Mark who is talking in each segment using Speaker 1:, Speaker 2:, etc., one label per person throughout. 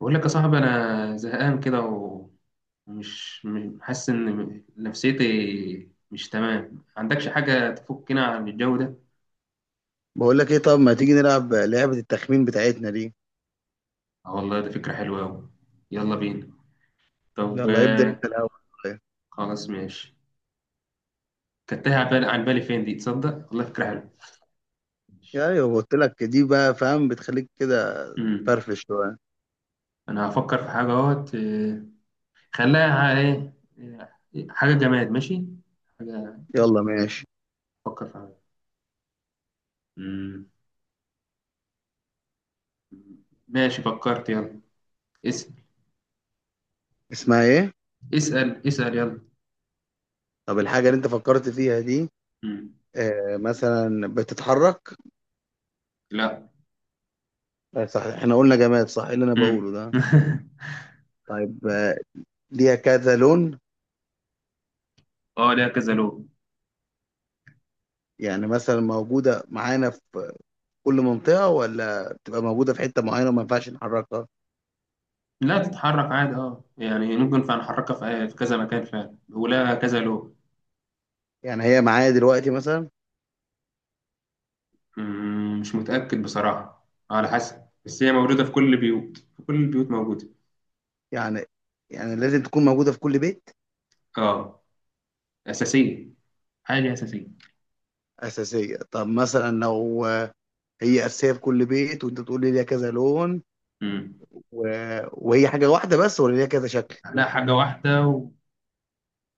Speaker 1: بقول لك يا صاحبي، انا زهقان كده ومش حاسس ان نفسيتي مش تمام. عندكش حاجه تفكنا عن الجو ده؟
Speaker 2: بقول لك ايه؟ طب ما تيجي نلعب لعبة التخمين بتاعتنا دي.
Speaker 1: اه والله، ده فكره حلوه قوي. يلا بينا. طب
Speaker 2: يلا ابدأ انت الاول.
Speaker 1: خلاص ماشي. كانت تايهة عن بالي. فين دي؟ تصدق؟ والله فكره حلوه.
Speaker 2: يا ايوه قلت لك دي بقى فاهم بتخليك كده.
Speaker 1: امم
Speaker 2: فرفش شوية.
Speaker 1: انا هفكر في حاجه اهوت. خليها ايه. آه، حاجه جماد. ماشي حاجه،
Speaker 2: يلا ماشي.
Speaker 1: افكر في حاجه. امم ماشي فكرت، يلا. اسال
Speaker 2: اسمها ايه؟
Speaker 1: اسال يلا.
Speaker 2: طب الحاجة اللي انت فكرت فيها دي
Speaker 1: امم
Speaker 2: آه مثلا بتتحرك؟
Speaker 1: لا.
Speaker 2: آه صح احنا قلنا جماد، صح. إيه اللي انا
Speaker 1: امم.
Speaker 2: بقوله ده؟ طيب آه، ليها كذا لون؟
Speaker 1: اه، ليها كذا لون.
Speaker 2: يعني مثلا موجودة معانا في كل منطقة، ولا بتبقى موجودة في حتة معينة وما ينفعش نحركها؟
Speaker 1: لا، تتحرك عادي. اه يعني ممكن فنحركها في كذا مكان فعلا، ولها كذا لون.
Speaker 2: يعني هي معايا دلوقتي مثلا؟
Speaker 1: مش متأكد بصراحة، على حسب، بس هي موجودة في كل البيوت، في كل البيوت موجودة.
Speaker 2: يعني يعني لازم تكون موجودة في كل بيت؟
Speaker 1: اه. أساسية، حاجة أساسية.
Speaker 2: أساسية. طب مثلا لو هي أساسية في كل بيت وأنت تقول لي ليها كذا لون
Speaker 1: امم
Speaker 2: و... وهي حاجة واحدة بس ولا ليها كذا شكل؟
Speaker 1: لا، حاجة واحدة.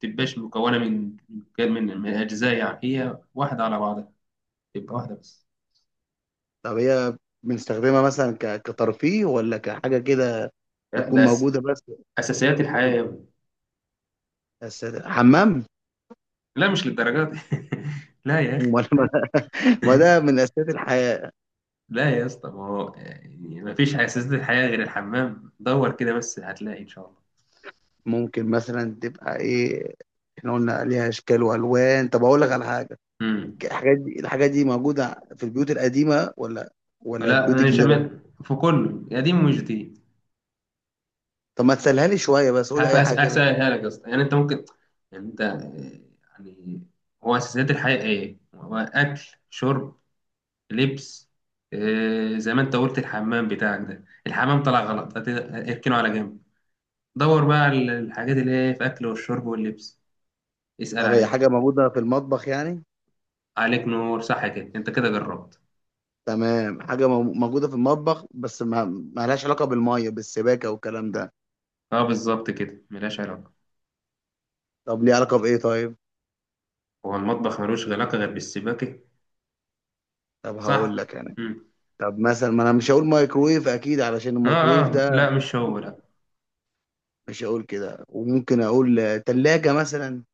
Speaker 1: ومتبقاش مكونة من أجزاء، يعني هي واحدة على بعضها، تبقى واحدة بس.
Speaker 2: طب هي بنستخدمها مثلا كترفيه ولا كحاجة كده؟
Speaker 1: لا،
Speaker 2: بتكون
Speaker 1: ده
Speaker 2: موجودة بس؟
Speaker 1: أساسيات الحياة يا ابني.
Speaker 2: أساسية حمام؟
Speaker 1: لا، مش للدرجات. لا يا أخي.
Speaker 2: ولا ما ده من أساسيات الحياة.
Speaker 1: لا يا اسطى، ما هو يعني ما فيش اساس للحياه غير الحمام، دور كده بس هتلاقي ان شاء الله.
Speaker 2: ممكن مثلا تبقى إيه؟ احنا قلنا ليها اشكال والوان. طب اقول لك على حاجه،
Speaker 1: امم.
Speaker 2: الحاجات دي موجوده في البيوت القديمه ولا ولا
Speaker 1: لا،
Speaker 2: البيوت
Speaker 1: مش
Speaker 2: الجديده بس؟
Speaker 1: في كله قديم ومش جديد.
Speaker 2: طب ما تسهلها لي شويه، بس قولي اي حاجه كده.
Speaker 1: هسهلها لك يا اسطى. يعني انت ممكن، يعني انت يعني هو اساسيات الحياه ايه؟ هو اكل، شرب، لبس. زي ما انت قلت، الحمام بتاعك ده الحمام طلع غلط، اركنه على جنب. دور بقى على الحاجات اللي هي في اكل والشرب واللبس. اسأل
Speaker 2: طب هي
Speaker 1: عليهم.
Speaker 2: حاجة موجودة في المطبخ يعني؟
Speaker 1: عليك نور، صح كده، انت كده جربت.
Speaker 2: تمام. حاجة موجودة في المطبخ بس ما لهاش علاقة بالمية بالسباكة والكلام ده؟
Speaker 1: اه بالظبط كده، ملهاش علاقة.
Speaker 2: طب ليه علاقة بإيه طيب؟
Speaker 1: هو المطبخ ملوش علاقة غير بالسباكة؟
Speaker 2: طب هقول
Speaker 1: صح.
Speaker 2: لك يعني.
Speaker 1: مم.
Speaker 2: طب مثلا ما انا مش هقول مايكرويف اكيد، علشان
Speaker 1: اه،
Speaker 2: الميكرويف
Speaker 1: اه، لا
Speaker 2: ده
Speaker 1: مش هو، لا.
Speaker 2: مش هقول كده. وممكن اقول تلاجة مثلا.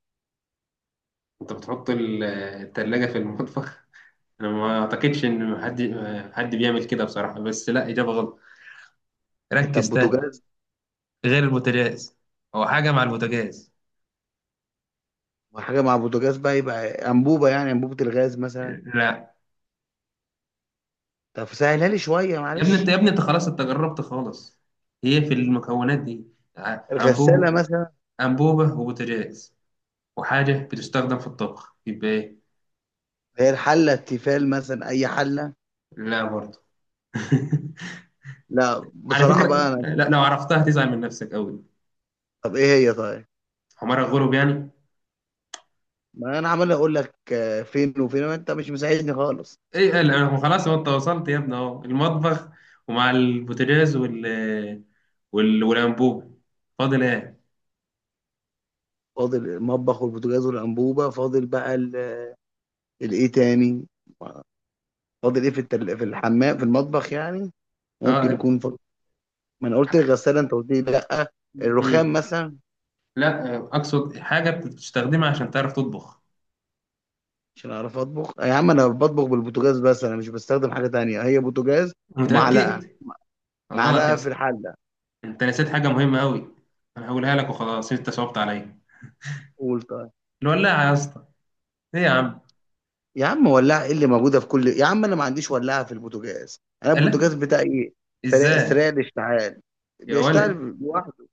Speaker 1: انت بتحط التلاجة في المطبخ؟ انا ما اعتقدش ان حد بيعمل كده بصراحة، بس لا، اجابة غلط،
Speaker 2: طب
Speaker 1: ركز تاني.
Speaker 2: بوتاجاز.
Speaker 1: غير البوتاجاز. هو حاجة مع البوتاجاز.
Speaker 2: وحاجة مع بوتاجاز بقى، يبقى انبوبة، يعني انبوبة الغاز مثلا.
Speaker 1: لا
Speaker 2: طب سهلها لي شوية
Speaker 1: يا ابني انت،
Speaker 2: معلش.
Speaker 1: يا ابني انت خلاص انت جربت خالص. هي في المكونات دي. ع-
Speaker 2: الغسالة
Speaker 1: انبوب
Speaker 2: مثلا؟
Speaker 1: انبوبة وبوتاجاز، وحاجة بتستخدم في الطبخ، يبقى ايه؟
Speaker 2: هي الحلة التيفال مثلا، اي حلة؟
Speaker 1: لا برضه.
Speaker 2: لا
Speaker 1: على
Speaker 2: بصراحة بقى
Speaker 1: فكره،
Speaker 2: انا.
Speaker 1: لا، لو عرفتها تزعل من نفسك قوي.
Speaker 2: طب ايه هي طيب؟
Speaker 1: حمار الغروب يعني.
Speaker 2: ما انا عمال اقول لك فين وفين، ما انت مش مساعدني خالص.
Speaker 1: ايه قال أنا خلاص؟ هو انت وصلت يا ابني. اهو المطبخ، ومع البوتاجاز والانبوب. فاضل ايه؟
Speaker 2: فاضل المطبخ والبوتاجاز والانبوبه، فاضل بقى الايه تاني؟ فاضل ايه في في الحمام في المطبخ يعني؟ ممكن
Speaker 1: اه،
Speaker 2: يكون فاضل. ما انا قلت الغساله انت قلت لي لا.
Speaker 1: لا.
Speaker 2: الرخام
Speaker 1: أمم.
Speaker 2: مثلا؟
Speaker 1: لا، اقصد حاجه بتستخدمها عشان تعرف تطبخ.
Speaker 2: عشان اعرف اطبخ؟ يا عم انا بطبخ بالبوتاجاز بس، انا مش بستخدم حاجه تانية، هي بوتاجاز ومعلقه،
Speaker 1: متاكد؟ غلط يا
Speaker 2: معلقه في
Speaker 1: اسطى،
Speaker 2: الحله.
Speaker 1: انت نسيت حاجه مهمه قوي. انا هقولها لك وخلاص، انت صعبت عليا.
Speaker 2: قول طيب.
Speaker 1: الولاعه يا اسطى. ايه يا عم؟
Speaker 2: يا عم ولاعة ايه اللي موجودة في كل؟ يا عم انا ما عنديش ولاعة في البوتاجاز، انا
Speaker 1: لا.
Speaker 2: البوتاجاز بتاعي سريع،
Speaker 1: ازاي؟
Speaker 2: سريع الاشتعال،
Speaker 1: يا ولا،
Speaker 2: بيشتغل لوحده.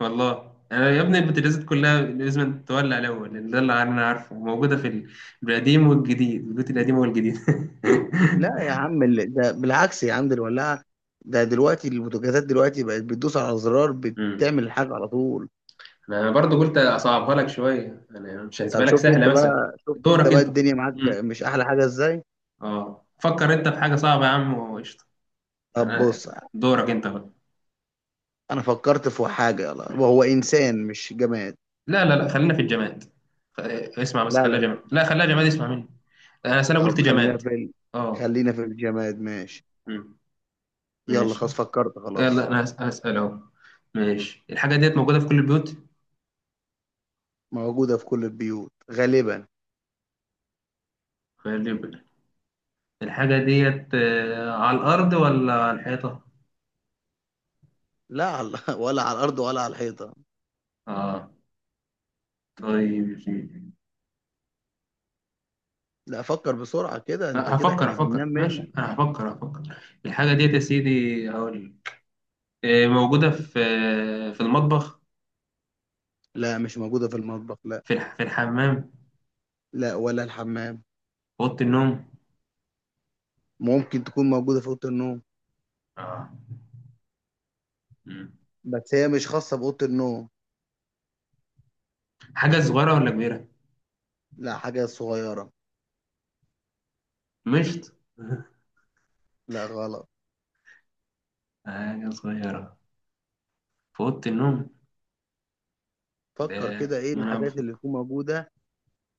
Speaker 1: والله انا يا ابني البوتاجازات كلها لازم تولع الاول، لان ده اللي انا عارفه موجوده في القديم والجديد، البيوت القديمه والجديد.
Speaker 2: لا يا عم، ده بالعكس يا عم، ده الولاعة. ده دلوقتي البوتاجازات دلوقتي بقت بتدوس على زرار
Speaker 1: امم.
Speaker 2: بتعمل الحاجة على طول.
Speaker 1: انا برضو قلت اصعبها لك شويه، انا مش
Speaker 2: طب
Speaker 1: هسيبها لك
Speaker 2: شفت
Speaker 1: سهله
Speaker 2: انت
Speaker 1: مثلا.
Speaker 2: بقى، شفت انت
Speaker 1: دورك
Speaker 2: بقى
Speaker 1: انت.
Speaker 2: الدنيا معاك
Speaker 1: امم.
Speaker 2: مش احلى حاجة ازاي؟
Speaker 1: اه، فكر انت في حاجه صعبه يا عم وقشطه.
Speaker 2: طب
Speaker 1: انا
Speaker 2: بص،
Speaker 1: دورك انت بقى.
Speaker 2: انا فكرت في حاجة يلا، وهو انسان مش جماد.
Speaker 1: لا لا لا، خلينا في الجماد. خ- اسمع بس،
Speaker 2: لا
Speaker 1: خليها
Speaker 2: لا لا.
Speaker 1: جماد، لا خليها جماد، اسمع مني. انا أصل انا
Speaker 2: طب
Speaker 1: قلت
Speaker 2: خلينا
Speaker 1: جماد.
Speaker 2: في
Speaker 1: اه.
Speaker 2: خلينا في الجماد ماشي.
Speaker 1: امم.
Speaker 2: يلا
Speaker 1: ماشي.
Speaker 2: خلاص فكرت، خلاص.
Speaker 1: يلا انا هسأل اهو. ماشي، الحاجة ديت موجودة في كل البيوت؟
Speaker 2: موجودة في كل البيوت غالبا.
Speaker 1: خلي بالك، الحاجة ديت على الأرض ولا على الحيطة؟
Speaker 2: لا على ولا على الأرض ولا على الحيطة.
Speaker 1: اه، طيب يا سيدي.
Speaker 2: لا فكر بسرعة كده، انت كده
Speaker 1: هفكر،
Speaker 2: احنا بننام منك.
Speaker 1: ماشي، انا هفكر، الحاجة ديت يا سيدي، هقول موجودة في، في المطبخ.
Speaker 2: لا مش موجودة في المطبخ، لا.
Speaker 1: في الحمام، في
Speaker 2: لا ولا الحمام.
Speaker 1: أوضة النوم.
Speaker 2: ممكن تكون موجودة في أوضة النوم.
Speaker 1: اه. مم.
Speaker 2: بس هي مش خاصة بأوضة النوم.
Speaker 1: حاجة صغيرة ولا كبيرة؟
Speaker 2: لا حاجة صغيرة.
Speaker 1: مشط؟
Speaker 2: لا غلط.
Speaker 1: حاجة صغيرة في أوضة النوم. ده
Speaker 2: فكر كده ايه
Speaker 1: ما أنا
Speaker 2: الحاجات اللي
Speaker 1: بفكر.
Speaker 2: تكون موجودة،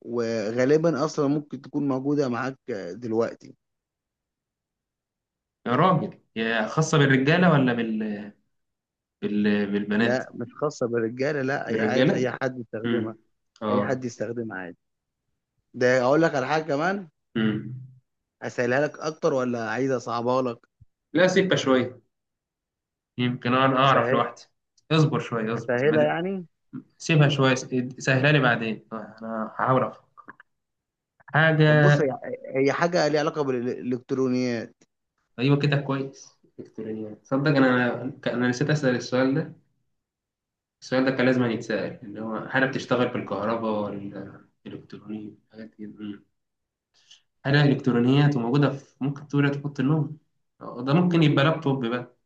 Speaker 2: وغالبا أصلا ممكن تكون موجودة معاك دلوقتي.
Speaker 1: يا راجل، يا خاصة بالرجالة ولا بال، بالبنات؟
Speaker 2: لا مش خاصة بالرجالة، لا أي عادي، أي
Speaker 1: بالرجالة.
Speaker 2: حد يستخدمها.
Speaker 1: امم.
Speaker 2: أي حد
Speaker 1: اه.
Speaker 2: يستخدمها عادي. ده أقول لك على حاجة كمان،
Speaker 1: امم.
Speaker 2: اسهلها لك اكتر ولا عايز اصعبها لك؟
Speaker 1: لا، سيبها شوية، يمكن انا اعرف
Speaker 2: أسهل...
Speaker 1: لوحدي. اصبر شوية، اصبر، ما
Speaker 2: اسهلها يعني.
Speaker 1: سيبها شوية، سهلها لي بعدين، انا هحاول أفهم.
Speaker 2: طب
Speaker 1: حاجة،
Speaker 2: بص هي، هي حاجه ليها علاقه بالالكترونيات.
Speaker 1: ايوه كده كويس. الكترونيات؟ تصدق انا نسيت اسأل السؤال ده. السؤال ده كان لازم يتسأل، اللي هو هل بتشتغل بالكهرباء ولا الكترونيات، حاجات كده. أمم. حاجة الكترونيات وموجودة في، ممكن تقول تحط النوم، ده ممكن يبقى لابتوب بقى.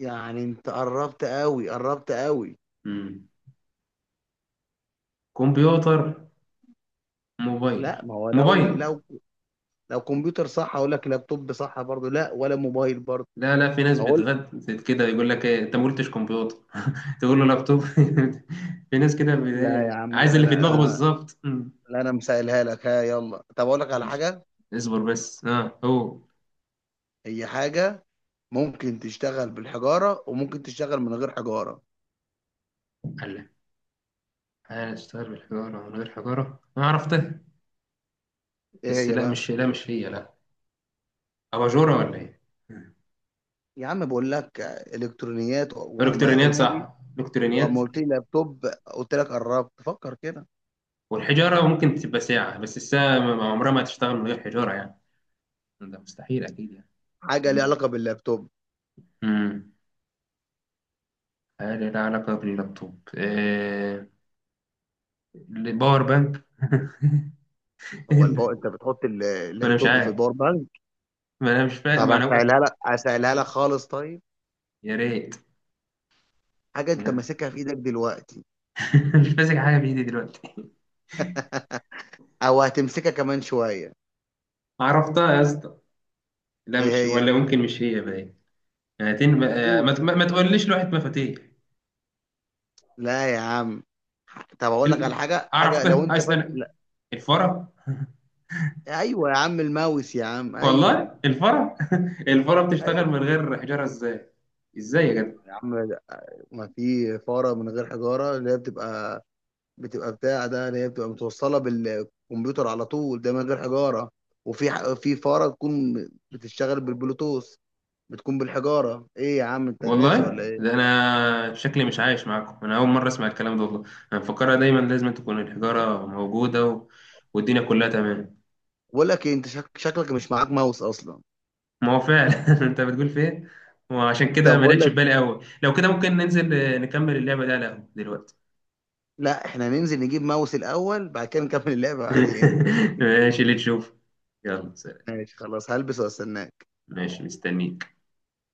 Speaker 2: يعني انت قربت قوي، قربت قوي.
Speaker 1: امم. كمبيوتر، موبايل
Speaker 2: لا ما هو لو
Speaker 1: موبايل.
Speaker 2: لو لو كمبيوتر صح اقول لك، لابتوب صح برضه، لا ولا موبايل برضه.
Speaker 1: لا، لا، في ناس
Speaker 2: اقول.
Speaker 1: بتغد كده يقول لك ايه انت ما قلتش كمبيوتر. تقول له لابتوب. في ناس كده
Speaker 2: لا يا عم،
Speaker 1: عايز
Speaker 2: لا
Speaker 1: اللي في
Speaker 2: لا
Speaker 1: دماغه
Speaker 2: انا،
Speaker 1: بالظبط. أمم.
Speaker 2: لا انا مسهلها لك. ها يلا طب اقول لك على
Speaker 1: ماشي،
Speaker 2: حاجه،
Speaker 1: اصبر بس. اه. هو،
Speaker 2: هي حاجه ممكن تشتغل بالحجاره وممكن تشتغل من غير حجاره.
Speaker 1: قال لك هشتغل بالحجاره من غير حجاره، انا عرفتها.
Speaker 2: ايه
Speaker 1: بس
Speaker 2: هي
Speaker 1: لا،
Speaker 2: بقى؟
Speaker 1: مش، لا مش هي، لا. اباجوره ولا ايه؟ أمم.
Speaker 2: يا عم بقول لك الكترونيات وما
Speaker 1: الكترونيات؟
Speaker 2: قلت لي،
Speaker 1: صح، الكترونيات.
Speaker 2: واما قلت لي لابتوب قلت لك قربت، فكر كده.
Speaker 1: والحجاره ممكن تبقى ساعه، بس الساعه عمرها ما هتشتغل من غير حجاره يعني، ده مستحيل اكيد يعني.
Speaker 2: حاجه ليها علاقه باللابتوب.
Speaker 1: أمم. حاجة لها علاقة باللابتوب. باور بانك. إيه؟
Speaker 2: هو الباور، انت بتحط
Speaker 1: ما أنا مش
Speaker 2: اللابتوب في
Speaker 1: عارف،
Speaker 2: الباور بانك؟
Speaker 1: ما أنا مش فاهم،
Speaker 2: طب
Speaker 1: ما أنا
Speaker 2: هسهلها لك، هسهلها لك خالص طيب.
Speaker 1: يا ريت.
Speaker 2: حاجه انت
Speaker 1: يا.
Speaker 2: ماسكها في ايدك دلوقتي،
Speaker 1: مش ماسك حاجة بإيدي دلوقتي.
Speaker 2: او هتمسكها كمان شويه.
Speaker 1: عرفتها يا اسطى. لا،
Speaker 2: ايه
Speaker 1: مش، ولا
Speaker 2: هي؟
Speaker 1: ممكن، مش هي باين. هاتين،
Speaker 2: قول.
Speaker 1: ما تقوليش لوحة مفاتيح.
Speaker 2: لا يا عم. طب اقول لك على
Speaker 1: ال...
Speaker 2: حاجه، حاجه لو
Speaker 1: عرفتها،
Speaker 2: انت
Speaker 1: عايز
Speaker 2: فاكر
Speaker 1: أنا
Speaker 2: لا.
Speaker 1: الفرة.
Speaker 2: ايوه يا عم، الماوس يا عم، ايوه.
Speaker 1: والله الفرة. الفرة بتشتغل
Speaker 2: ايوه
Speaker 1: من غير حجارة إزاي؟ إزاي يا جدع؟
Speaker 2: يا عم، ما في فاره من غير حجاره، اللي هي بتبقى، بتبقى بتاع ده اللي هي بتبقى متوصله بالكمبيوتر على طول، ده من غير حجاره. وفي في فاره تكون بتشتغل بالبلوتوث، بتكون بالحجاره. ايه يا عم انت
Speaker 1: والله
Speaker 2: ناسي ولا
Speaker 1: ده
Speaker 2: ايه؟
Speaker 1: انا شكلي مش عايش معاكم، انا اول مره اسمع الكلام ده والله. انا مفكرها دايما لازم تكون الحجاره موجوده والدنيا كلها تمام.
Speaker 2: بقول لك إيه، انت شكلك مش معاك ماوس اصلا.
Speaker 1: ما هو فعلا. انت بتقول في ايه؟ وعشان كده
Speaker 2: طب
Speaker 1: ما
Speaker 2: بقول
Speaker 1: جاتش في
Speaker 2: لك،
Speaker 1: بالي قوي. لو كده ممكن ننزل نكمل اللعبه دي على القهوه دلوقتي.
Speaker 2: لا احنا ننزل نجيب ماوس الاول، بعد كده نكمل اللعبه بعدين.
Speaker 1: ماشي، اللي تشوف. يلا سلام.
Speaker 2: ماشي خلاص، هلبس واستناك.
Speaker 1: ماشي، مستنيك.